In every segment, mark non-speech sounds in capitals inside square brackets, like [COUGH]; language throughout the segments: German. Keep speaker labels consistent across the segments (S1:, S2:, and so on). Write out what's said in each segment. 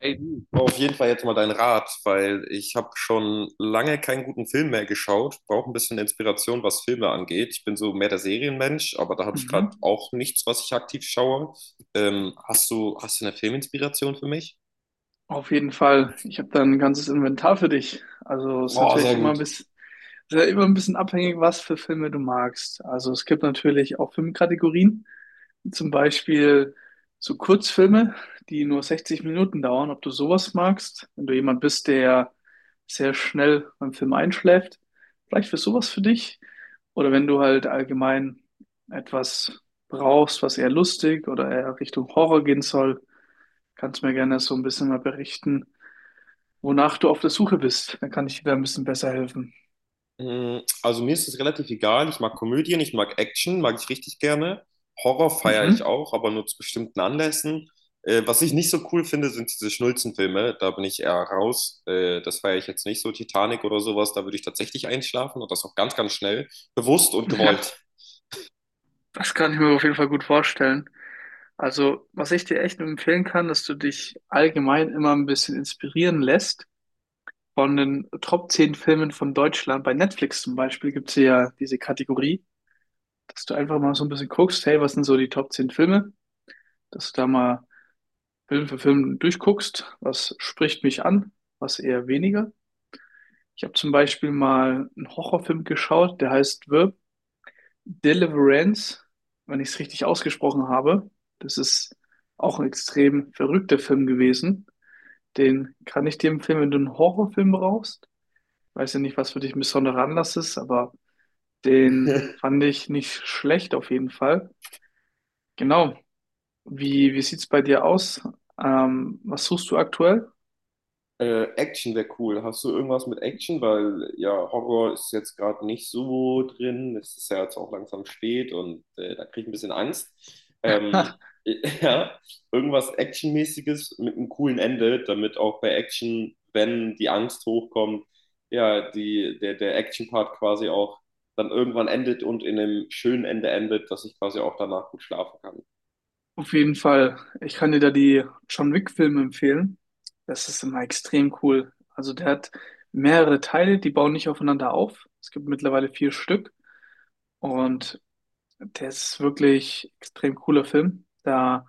S1: Ey, du, ich brauch auf jeden Fall jetzt mal deinen Rat, weil ich habe schon lange keinen guten Film mehr geschaut, brauche ein bisschen Inspiration, was Filme angeht. Ich bin so mehr der Serienmensch, aber da habe ich gerade
S2: Mhm.
S1: auch nichts, was ich aktiv schaue. Hast du eine Filminspiration für mich?
S2: Auf jeden Fall. Ich habe da ein ganzes Inventar für dich. Also es ist
S1: Boah,
S2: natürlich
S1: sehr
S2: immer ein
S1: gut.
S2: ist ja immer ein bisschen abhängig, was für Filme du magst. Also es gibt natürlich auch Filmkategorien, wie zum Beispiel so Kurzfilme, die nur 60 Minuten dauern, ob du sowas magst. Wenn du jemand bist, der sehr schnell beim Film einschläft, vielleicht wäre sowas für dich. Oder wenn du halt allgemein etwas brauchst, was eher lustig oder eher Richtung Horror gehen soll. Kannst mir gerne so ein bisschen mal berichten, wonach du auf der Suche bist. Dann kann ich dir da ein bisschen besser helfen.
S1: Mm, also mir ist es relativ egal. Ich mag Komödien, ich mag Action, mag ich richtig gerne. Horror feiere ich
S2: Mhm.
S1: auch, aber nur zu bestimmten Anlässen. Was ich nicht so cool finde, sind diese Schnulzenfilme. Da bin ich eher raus. Das feiere ich jetzt nicht so. Titanic oder sowas, da würde ich tatsächlich einschlafen und das auch ganz, ganz schnell. Bewusst und
S2: Ja,
S1: gewollt.
S2: das kann ich mir auf jeden Fall gut vorstellen. Also, was ich dir echt nur empfehlen kann, dass du dich allgemein immer ein bisschen inspirieren lässt von den Top 10 Filmen von Deutschland. Bei Netflix zum Beispiel gibt es ja diese Kategorie, dass du einfach mal so ein bisschen guckst, hey, was sind so die Top 10 Filme? Dass du da mal Film für Film durchguckst, was spricht mich an, was eher weniger. Ich habe zum Beispiel mal einen Horrorfilm geschaut, der heißt Verb Deliverance, wenn ich es richtig ausgesprochen habe. Das ist auch ein extrem verrückter Film gewesen. Den kann ich dir empfehlen, wenn du einen Horrorfilm brauchst. Weiß ja nicht, was für dich ein besonderer Anlass ist, aber den
S1: [LAUGHS]
S2: fand ich nicht schlecht auf jeden Fall. Genau. Wie sieht's bei dir aus? Was suchst du aktuell?
S1: Action wäre cool. Hast du irgendwas mit Action? Weil ja, Horror ist jetzt gerade nicht so drin. Es ist ja jetzt auch langsam spät und da kriege ich ein bisschen Angst. Ähm,
S2: [LAUGHS]
S1: [LAUGHS] ja, irgendwas Actionmäßiges mit einem coolen Ende, damit auch bei Action, wenn die Angst hochkommt, ja, der Action-Part quasi auch dann irgendwann endet und in einem schönen Ende endet, dass ich quasi auch danach gut schlafen kann.
S2: Auf jeden Fall. Ich kann dir da die John Wick-Filme empfehlen. Das ist immer extrem cool. Also der hat mehrere Teile, die bauen nicht aufeinander auf. Es gibt mittlerweile vier Stück. Und der ist wirklich extrem cooler Film. Da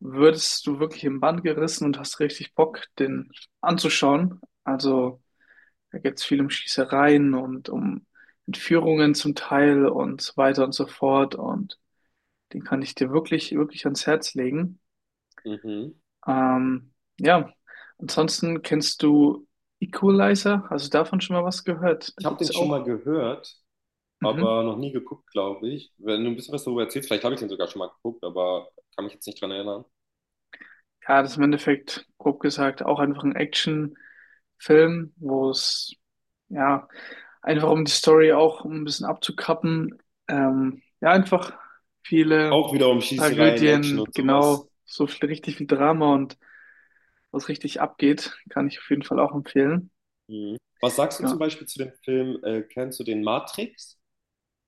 S2: würdest du wirklich im Bann gerissen und hast richtig Bock, den anzuschauen. Also da geht es viel um Schießereien und um Entführungen zum Teil und so weiter und so fort. Und den kann ich dir wirklich, wirklich ans Herz legen.
S1: Mhm.
S2: Ähm, ja, ansonsten kennst du Equalizer, also davon schon mal was gehört.
S1: Ich
S2: Da
S1: habe den
S2: gibt's
S1: schon mal
S2: auch,
S1: gehört,
S2: mhm.
S1: aber noch nie geguckt, glaube ich. Wenn du ein bisschen was darüber erzählst, vielleicht habe ich den sogar schon mal geguckt, aber kann mich jetzt nicht dran erinnern.
S2: Ja, das ist im Endeffekt, grob gesagt, auch einfach ein Action-Film, wo es, ja, einfach um die Story auch ein bisschen abzukappen, ja, einfach viele
S1: Auch wieder um Schießereien, Action
S2: Tragödien,
S1: und sowas.
S2: genau, so viel, richtig viel Drama und was richtig abgeht, kann ich auf jeden Fall auch empfehlen.
S1: Mhm. Was sagst du zum
S2: Genau,
S1: Beispiel zu dem Film, kennst du den Matrix?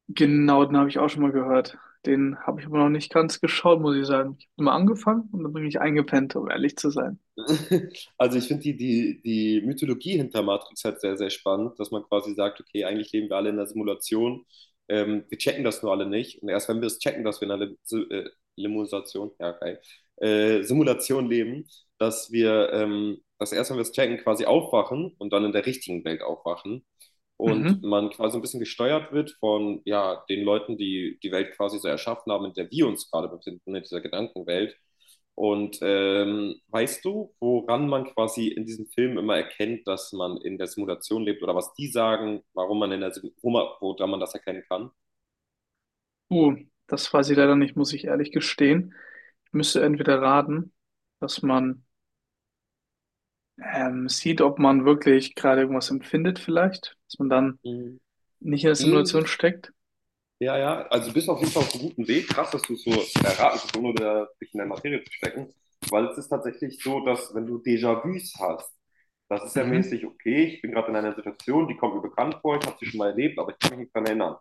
S2: Genau, den habe ich auch schon mal gehört. Den habe ich aber noch nicht ganz geschaut, muss ich sagen. Ich habe mal angefangen und dann bin ich eingepennt, um ehrlich zu sein.
S1: [LAUGHS] Also ich finde die Mythologie hinter Matrix halt sehr, sehr spannend, dass man quasi sagt, okay, eigentlich leben wir alle in einer Simulation, wir checken das nur alle nicht. Und erst wenn wir es checken, dass wir in einer Limusation, ja, geil, Simulation leben, dass wir, dass erst wenn wir es checken, quasi aufwachen und dann in der richtigen Welt aufwachen und
S2: Mhm.
S1: man quasi so ein bisschen gesteuert wird von ja, den Leuten, die die Welt quasi so erschaffen haben, in der wir uns gerade befinden, in dieser Gedankenwelt. Und weißt du, woran man quasi in diesem Film immer erkennt, dass man in der Simulation lebt oder was die sagen, warum man in der woran man das erkennen kann?
S2: Uh, das weiß ich leider nicht, muss ich ehrlich gestehen. Ich müsste entweder raten, dass man sieht, ob man wirklich gerade irgendwas empfindet vielleicht, dass man dann
S1: Mhm.
S2: nicht in der Simulation
S1: Ähnlich.
S2: steckt.
S1: Ja, ja, also du bist auf jeden Fall auf einem guten Weg. Krass, dass du es so erraten hast, ohne da dich in der Materie zu stecken. Weil es ist tatsächlich so, dass wenn du Déjà-vus hast, das ist ja
S2: Mhm.
S1: mäßig, okay, ich bin gerade in einer Situation, die kommt mir bekannt vor, ich habe sie schon mal erlebt, aber ich kann mich nicht dran erinnern.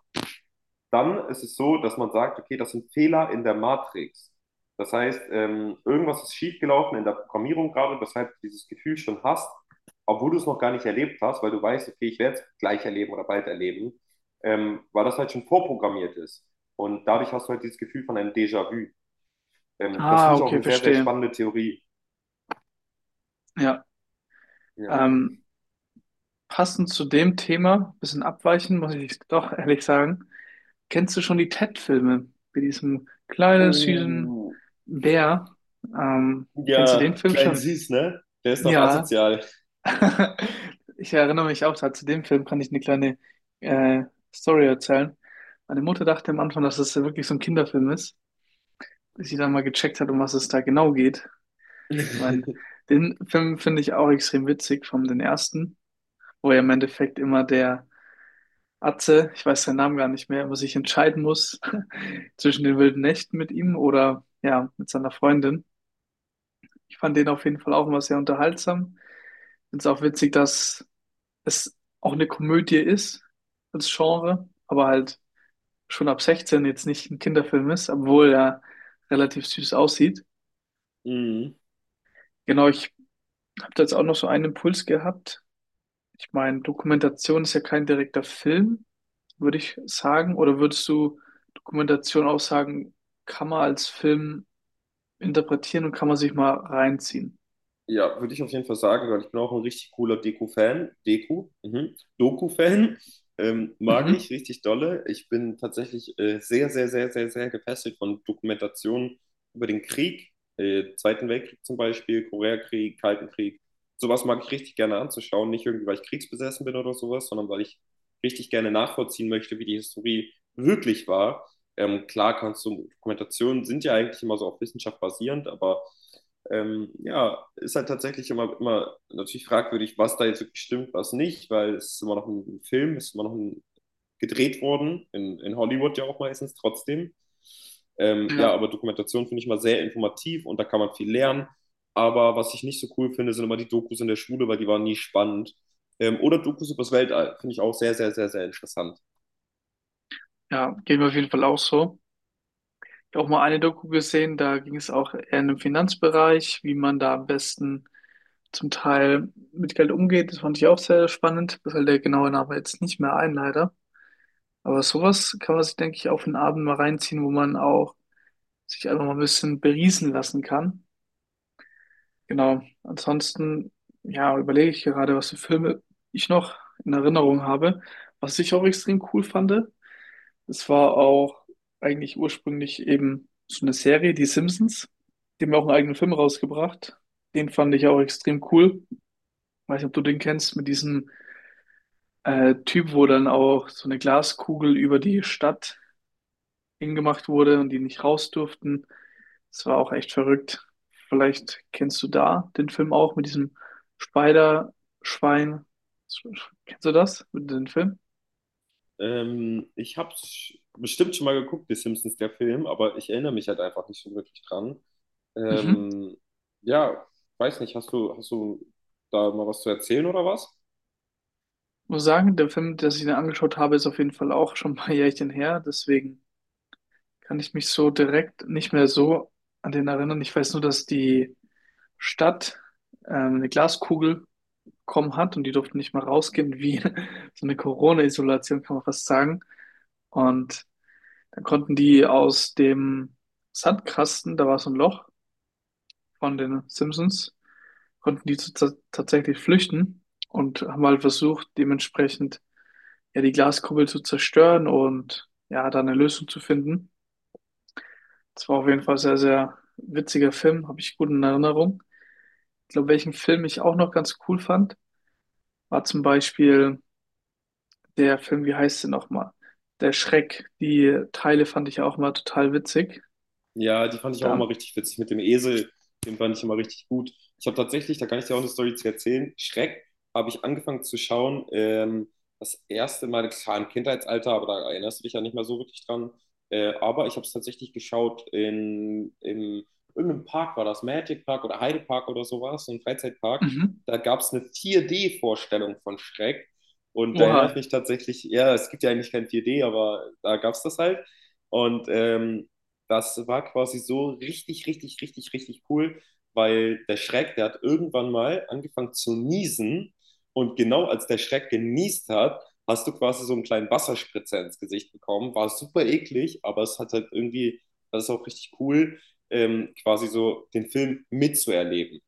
S1: Dann ist es so, dass man sagt, okay, das sind Fehler in der Matrix. Das heißt, irgendwas ist schiefgelaufen in der Programmierung gerade, weshalb du dieses Gefühl schon hast, obwohl du es noch gar nicht erlebt hast, weil du weißt, okay, ich werde es gleich erleben oder bald erleben, weil das halt schon vorprogrammiert ist. Und dadurch hast du halt dieses Gefühl von einem Déjà-vu. Das
S2: Ah,
S1: finde ich auch
S2: okay,
S1: eine sehr, sehr
S2: verstehe.
S1: spannende Theorie.
S2: Ja,
S1: Ja.
S2: ähm, passend zu dem Thema, bisschen abweichen, muss ich doch ehrlich sagen. Kennst du schon die Ted-Filme mit diesem kleinen, süßen
S1: Oh,
S2: Bär? Kennst du den
S1: ja,
S2: Film
S1: klein
S2: schon?
S1: süß, ne? Der ist doch
S2: Ja.
S1: asozial.
S2: [LAUGHS] Ich erinnere mich auch, da zu dem Film kann ich eine kleine äh, Story erzählen. Meine Mutter dachte am Anfang, dass es wirklich so ein Kinderfilm ist, bis sie dann mal gecheckt hat, um was es da genau geht. Ich meine,
S1: [LAUGHS]
S2: den Film finde ich auch extrem witzig, vom den ersten, wo ja im Endeffekt immer der Atze, ich weiß seinen Namen gar nicht mehr, was ich entscheiden muss [LAUGHS] zwischen den wilden Nächten mit ihm oder ja, mit seiner Freundin. Ich fand den auf jeden Fall auch immer sehr unterhaltsam. Find's auch witzig, dass es auch eine Komödie ist als Genre, aber halt schon ab 16 jetzt nicht ein Kinderfilm ist, obwohl er relativ süß aussieht.
S1: Mhm.
S2: Genau, ich habe da jetzt auch noch so einen Impuls gehabt. Ich meine, Dokumentation ist ja kein direkter Film, würde ich sagen. Oder würdest du Dokumentation auch sagen, kann man als Film interpretieren und kann man sich mal reinziehen?
S1: Ja, würde ich auf jeden Fall sagen, weil ich bin auch ein richtig cooler Deko, fan deko mhm. Doku-Fan, mag
S2: Mhm.
S1: ich richtig dolle. Ich bin tatsächlich sehr, sehr, sehr, sehr, sehr gefesselt von Dokumentationen über den Krieg, Zweiten Weltkrieg zum Beispiel, Koreakrieg, Kalten Krieg. Sowas mag ich richtig gerne anzuschauen, nicht irgendwie, weil ich kriegsbesessen bin oder sowas, sondern weil ich richtig gerne nachvollziehen möchte, wie die Historie wirklich war. Klar kannst du, Dokumentationen sind ja eigentlich immer so auf Wissenschaft basierend, aber ja, ist halt tatsächlich immer, immer natürlich fragwürdig, was da jetzt wirklich stimmt, was nicht, weil es ist immer noch ein Film, es ist immer noch ein, gedreht worden, in Hollywood ja auch meistens trotzdem. Ja,
S2: Ja,
S1: aber Dokumentation finde ich mal sehr informativ und da kann man viel lernen. Aber was ich nicht so cool finde, sind immer die Dokus in der Schule, weil die waren nie spannend. Oder Dokus übers Weltall, finde ich auch sehr, sehr, sehr, sehr interessant.
S2: ja, geht mir auf jeden Fall auch so. Ich habe auch mal eine Doku gesehen, da ging es auch eher in den Finanzbereich, wie man da am besten zum Teil mit Geld umgeht. Das fand ich auch sehr spannend. Das fällt der genaue Name jetzt nicht mehr ein, leider. Aber sowas kann man sich, denke ich, auf den Abend mal reinziehen, wo man auch sich einfach mal ein bisschen beriesen lassen kann. Genau. Ansonsten, ja, überlege ich gerade, was für Filme ich noch in Erinnerung habe. Was ich auch extrem cool fand, es war auch eigentlich ursprünglich eben so eine Serie, die Simpsons. Die haben ja auch einen eigenen Film rausgebracht. Den fand ich auch extrem cool. Weiß nicht, ob du den kennst, mit diesem Typ, wo dann auch so eine Glaskugel über die Stadt hingemacht wurde und die nicht raus durften. Das war auch echt verrückt. Vielleicht kennst du da den Film auch mit diesem Spider-Schwein. Kennst du das, mit dem Film?
S1: Ich habe bestimmt schon mal geguckt, die Simpsons, der Film, aber ich erinnere mich halt einfach nicht so wirklich dran.
S2: Mhm.
S1: Ähm, ja, weiß nicht, hast du da mal was zu erzählen oder was?
S2: Muss sagen, der Film, den ich mir angeschaut habe, ist auf jeden Fall auch schon ein paar [LAUGHS] Jährchen her. Deswegen kann ich mich so direkt nicht mehr so an den erinnern. Ich weiß nur, dass die Stadt eine Glaskugel bekommen hat und die durften nicht mal rausgehen, wie [LAUGHS] so eine Corona-Isolation, kann man fast sagen. Und dann konnten die aus dem Sandkasten, da war so ein Loch von den Simpsons, konnten die tatsächlich flüchten und haben halt versucht, dementsprechend ja die Glaskuppel zu zerstören und ja, da eine Lösung zu finden. Das war auf jeden Fall sehr, sehr witziger Film, habe ich gut in Erinnerung. Ich glaube, welchen Film ich auch noch ganz cool fand, war zum Beispiel der Film, wie heißt der nochmal? Der Schreck. Die Teile fand ich auch mal total witzig.
S1: Ja, die fand ich auch
S2: Da,
S1: immer richtig witzig mit dem Esel. Den fand ich immer richtig gut. Ich habe tatsächlich, da kann ich dir auch eine Story zu erzählen. Schreck habe ich angefangen zu schauen. Das erste Mal, klar, im Kindheitsalter, aber da erinnerst du dich ja nicht mehr so wirklich dran. Aber ich habe es tatsächlich geschaut in irgendeinem Park, war das Magic Park oder Heide Park oder sowas, so ein Freizeitpark.
S2: mhm.
S1: Da gab es eine 4D-Vorstellung von Schreck. Und da
S2: Oha,
S1: erinnere ich mich tatsächlich, ja, es gibt ja eigentlich kein 4D, aber da gab es das halt. Und das war quasi so richtig, richtig, richtig, richtig cool, weil der Schreck, der hat irgendwann mal angefangen zu niesen und genau als der Schreck geniest hat, hast du quasi so einen kleinen Wasserspritzer ins Gesicht bekommen. War super eklig, aber es hat halt irgendwie, das ist auch richtig cool, quasi so den Film mitzuerleben.